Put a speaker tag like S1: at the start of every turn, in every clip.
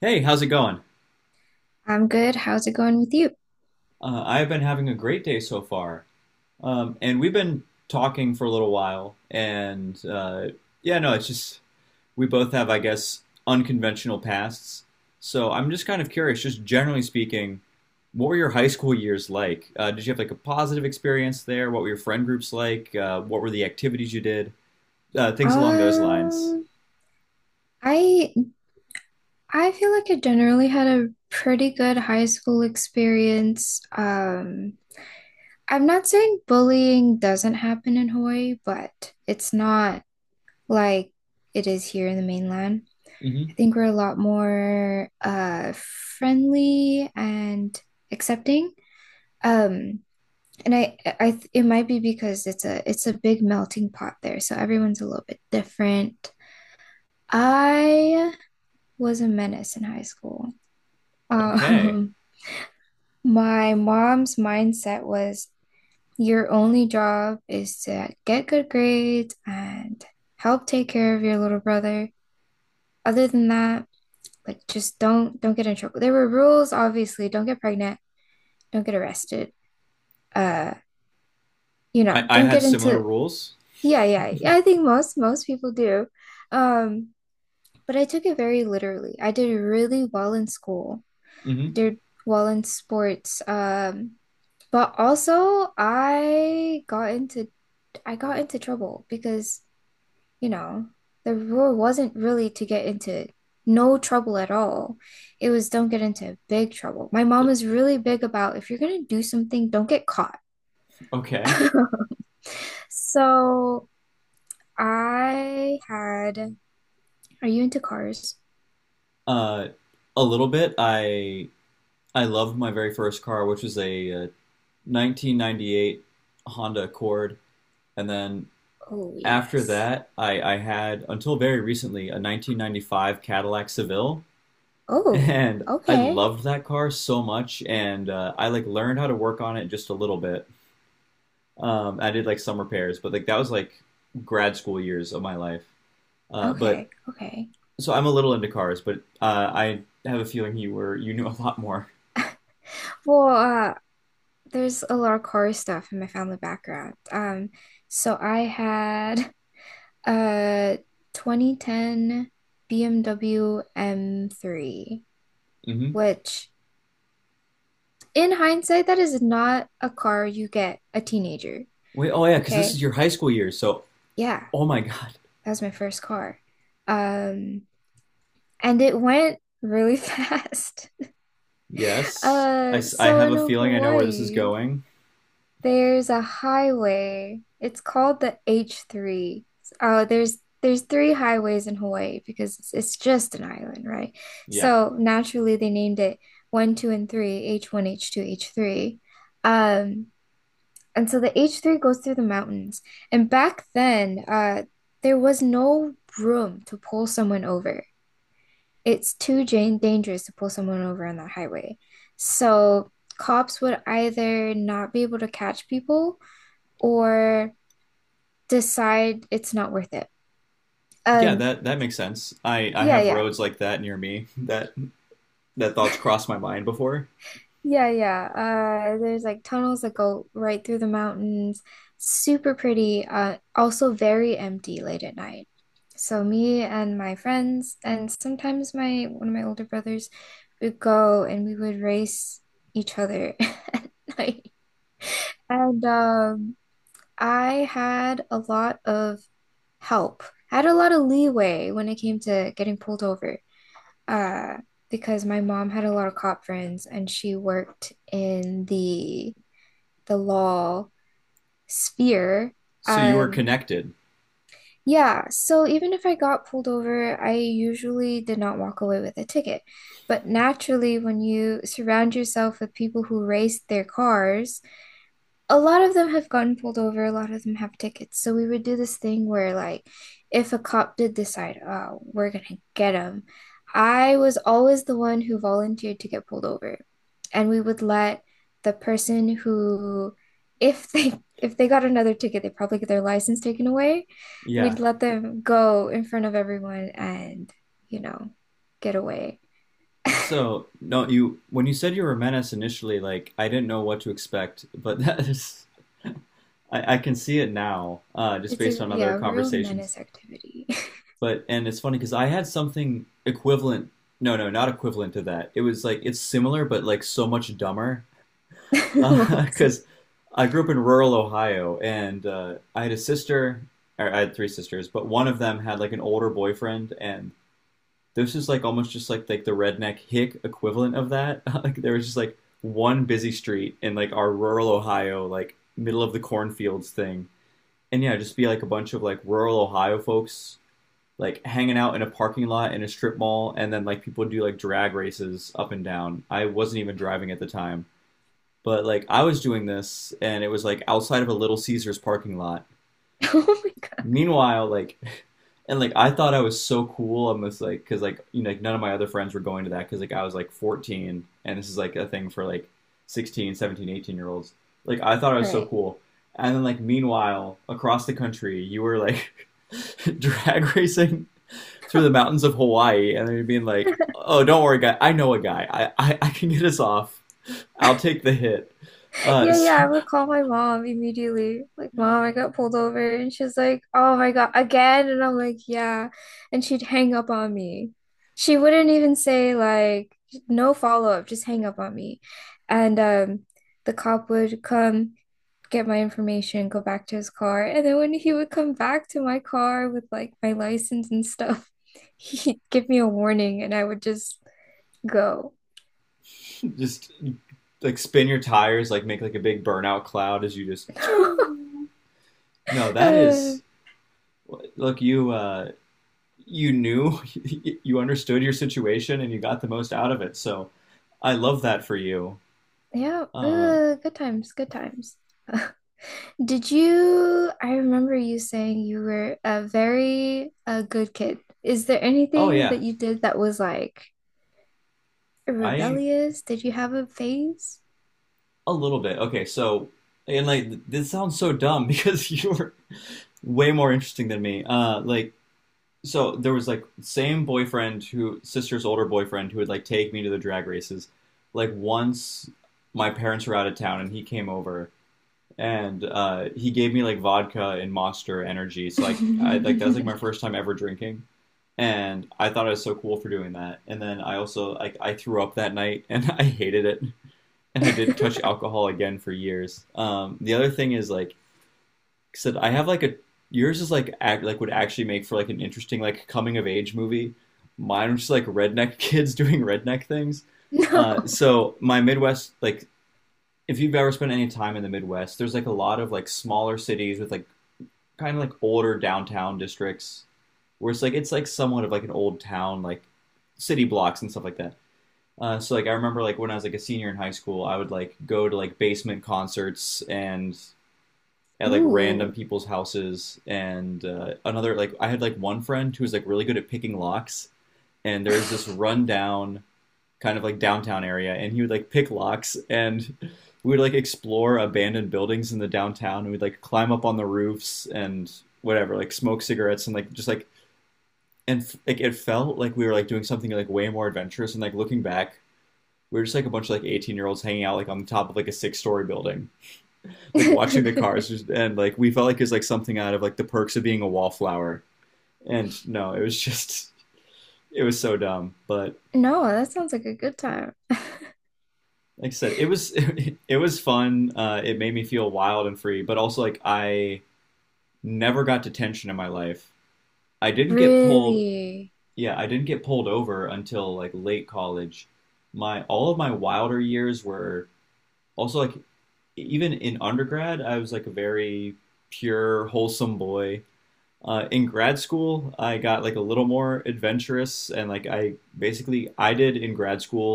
S1: Hey, how's it going?
S2: I'm good. How's it going with you?
S1: I've been having a great day so far. And we've been talking for a little while. No, it's just we both have, I guess, unconventional pasts. So I'm just kind of curious, just generally speaking, what were your high school years like? Did you have like a positive experience there? What were your friend groups like? What were the activities you did? Things along those lines.
S2: Um, I I feel like I generally had a pretty good high school experience. I'm not saying bullying doesn't happen in Hawaii, but it's not like it is here in the mainland. I
S1: Hmm.
S2: think we're a lot more friendly and accepting. Um, it might be because it's a big melting pot there, so everyone's a little bit different. I was a menace in high school.
S1: Okay.
S2: Um, my mom's mindset was your only job is to get good grades and help take care of your little brother. Other than that, like just don't get in trouble. There were rules, obviously. Don't get pregnant, don't get arrested. Uh,
S1: I, I
S2: don't
S1: had
S2: get
S1: similar
S2: into
S1: rules.
S2: yeah, yeah. Yeah, I think most people do. Um, but I took it very literally. I did really well in school. I
S1: Hmm.
S2: did well in sports. But also I got into trouble because you know, the rule wasn't really to get into no trouble at all. It was don't get into big trouble. My mom is really big about if you're gonna do something, don't get caught.
S1: Okay.
S2: So I had, are you into cars?
S1: Uh, a little bit. I loved my very first car, which was a 1998 Honda Accord, and then
S2: Oh,
S1: after
S2: yes.
S1: that, I had until very recently a 1995 Cadillac Seville,
S2: Oh,
S1: and I
S2: okay.
S1: loved that car so much, and I like learned how to work on it just a little bit. I did like some repairs, but like that was like grad school years of my life. But
S2: Okay. Okay.
S1: So I'm a little into cars, but I have a feeling you knew a lot more.
S2: Well, there's a lot of car stuff in my family background. So I had Uh, 2010 BMW M3,
S1: Hmm.
S2: which in hindsight, that is not a car you get a teenager.
S1: Wait, oh yeah, because this is
S2: Okay.
S1: your high school years. So,
S2: Yeah,
S1: oh my God.
S2: that was my first car. Um, and it went really fast.
S1: Yes, I
S2: So
S1: have
S2: in
S1: a feeling I know where this is
S2: Hawaii,
S1: going.
S2: there's a highway. It's called the H3. Oh, there's three highways in Hawaii because it's just an island, right?
S1: Yeah,
S2: So naturally they named it one, two, and three, H1, H2, H3. Um, and so the H3 goes through the mountains. And back then, there was no room to pull someone over. It's too dangerous to pull someone over on that highway. So cops would either not be able to catch people or decide it's not worth it.
S1: yeah,
S2: Um,
S1: that that makes sense. I
S2: yeah,
S1: have
S2: yeah.
S1: roads like that near me. That thoughts crossed my mind before.
S2: Yeah, yeah. There's like tunnels that go right through the mountains. Super pretty. Also very empty late at night. So me and my friends and sometimes my one of my older brothers would go and we would race each other at night. And I had a lot of help. I had a lot of leeway when it came to getting pulled over. uh, because my mom had a lot of cop friends and she worked in the law sphere.
S1: So you were
S2: Um,
S1: connected.
S2: yeah, so even if I got pulled over, I usually did not walk away with a ticket. But naturally, when you surround yourself with people who race their cars, a lot of them have gotten pulled over, a lot of them have tickets. So we would do this thing where, like, if a cop did decide, oh, we're gonna get him, I was always the one who volunteered to get pulled over. And we would let the person who, if they got another ticket, they probably get their license taken away.
S1: Yeah.
S2: We'd let them go in front of everyone and, you know, get away.
S1: So no, you when you said you were Menace initially, like I didn't know what to expect, but that is I can see it now, just
S2: It's
S1: based
S2: a
S1: on other
S2: yeah, a real
S1: conversations.
S2: menace activity.
S1: But and it's funny because I had something equivalent. No, no, not equivalent to that. It was like it's similar, but like so much dumber.
S2: What was it?
S1: Because I grew up in rural Ohio, and I had a sister, or I had three sisters, but one of them had like an older boyfriend, and this is like almost just like the redneck hick equivalent of that. Like there was just like one busy street in like our rural Ohio, like middle of the cornfields thing. And yeah, just be like a bunch of like rural Ohio folks like hanging out in a parking lot in a strip mall and then like people do like drag races up and down. I wasn't even driving at the time. But like I was doing this and it was like outside of a Little Caesars parking lot.
S2: Oh my God.
S1: Meanwhile, like, and like I thought I was so cool on this, like, because like you know, like none of my other friends were going to that because like I was like 14 and this is like a thing for like 16, 17, 18-year-olds. Like I thought I
S2: All
S1: was so
S2: right.
S1: cool, and then like meanwhile across the country you were like drag racing through the mountains of Hawaii, and then you're being like, oh, don't worry, guy, I know a guy, I can get us off, I'll take the hit.
S2: Yeah, yeah, I
S1: So
S2: would call my mom immediately. Like, mom, I got pulled over. And she's like, oh my God, again? And I'm like, yeah. And she'd hang up on me. She wouldn't even say, like, no follow-up, just hang up on me. And The cop would come get my information, go back to his car. And then when he would come back to my car with like my license and stuff, he'd give me a warning and I would just go.
S1: just like spin your tires, like make like a big burnout cloud as you just. No, that
S2: Uh,
S1: is look you you knew you understood your situation and you got the most out of it. So I love that for you.
S2: yeah,
S1: Uh,
S2: ooh, good times, good times. Did you, I remember you saying you were a very a good kid. Is there
S1: oh
S2: anything
S1: yeah,
S2: that you did that was like
S1: I
S2: rebellious? Did you have a phase?
S1: a little bit. Okay, so and like this sounds so dumb because you were way more interesting than me. Like so there was like same boyfriend who sister's older boyfriend who would like take me to the drag races. Like once my parents were out of town and he came over and he gave me like vodka and Monster Energy. So like I like that's like my first time ever drinking. And I thought I was so cool for doing that. And then I also like I threw up that night and I hated it. And I didn't touch alcohol again for years. The other thing is like said I have like a yours is like act, like would actually make for like an interesting like coming of age movie. Mine was just like redneck kids doing redneck things.
S2: No.
S1: So my Midwest like if you've ever spent any time in the Midwest, there's like a lot of like smaller cities with like kind of like older downtown districts where it's like somewhat of like an old town like city blocks and stuff like that. So like I remember like when I was like a senior in high school, I would like go to like basement concerts and at like random
S2: Ooh.
S1: people's houses and another like I had like one friend who was like really good at picking locks and there was this rundown kind of like downtown area and he would like pick locks and we would like explore abandoned buildings in the downtown and we'd like climb up on the roofs and whatever like smoke cigarettes and like just like and like it felt like we were like doing something like way more adventurous and like looking back we were just like a bunch of like 18-year-olds hanging out like on the top of like a six-story building like watching the cars just- and like we felt like it was like something out of like the perks of being a wallflower and no it was just it was so dumb but
S2: No, that sounds like a good time.
S1: like I said it was it was fun it made me feel wild and free but also like I never got detention in my life I didn't get pulled
S2: Really?
S1: yeah I didn't get pulled over until like late college my all of my wilder years were also like even in undergrad I was like a very pure wholesome boy. In grad school, I got like a little more adventurous and like I did in grad school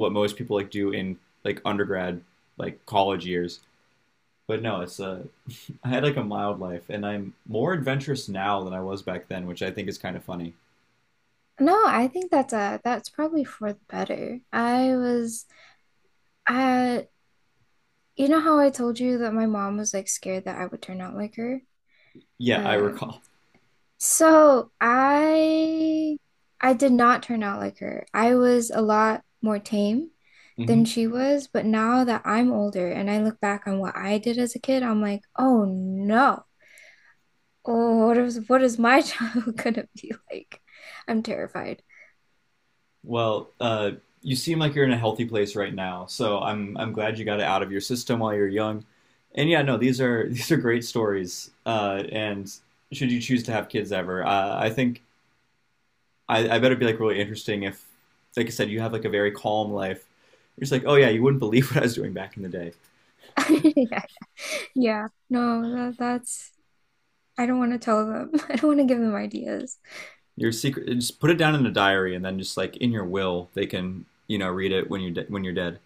S1: what most people like do in like undergrad, like college years. But no, it's I had like a mild life and I'm more adventurous now than I was back then, which I think is kind of funny.
S2: No, I think that's probably for the better. I was uh you know how I told you that my mom was like scared that I would turn out like her?
S1: Yeah, I
S2: Um,
S1: recall.
S2: so I I did not turn out like her. I was a lot more tame
S1: Hmm.
S2: than she was, but now that I'm older and I look back on what I did as a kid, I'm like, oh no. Oh, what is my childhood gonna be like? I'm terrified.
S1: Well, you seem like you're in a healthy place right now, so I'm glad you got it out of your system while you're young. And yeah, no, these are these are great stories. And should you choose to have kids ever, I think I bet it'd be like really interesting if, like I said, you have like a very calm life. You're just like, oh yeah, you wouldn't believe what I was doing back in the day.
S2: Yeah. Yeah. No, that's I don't want to tell them. I don't want to give them ideas.
S1: Your secret, just put it down in a diary, and then just like in your will, they can you know read it when you're when you're dead.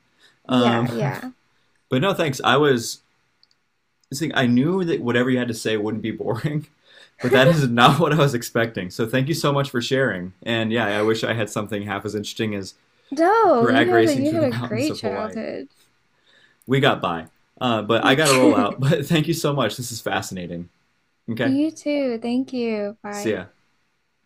S2: Yeah,
S1: Um,
S2: yeah.
S1: but no, thanks. I was this thing, I knew that whatever you had to say wouldn't be boring, but that is not what I was expecting. So thank you so much for sharing. And yeah, I wish I had something half as interesting as
S2: No,
S1: drag racing
S2: you
S1: through
S2: had
S1: the
S2: a
S1: mountains
S2: great
S1: of Hawaii.
S2: childhood.
S1: We got by, but I got to roll out. But thank you so much. This is fascinating. Okay,
S2: You too. Thank you.
S1: see
S2: Bye.
S1: ya.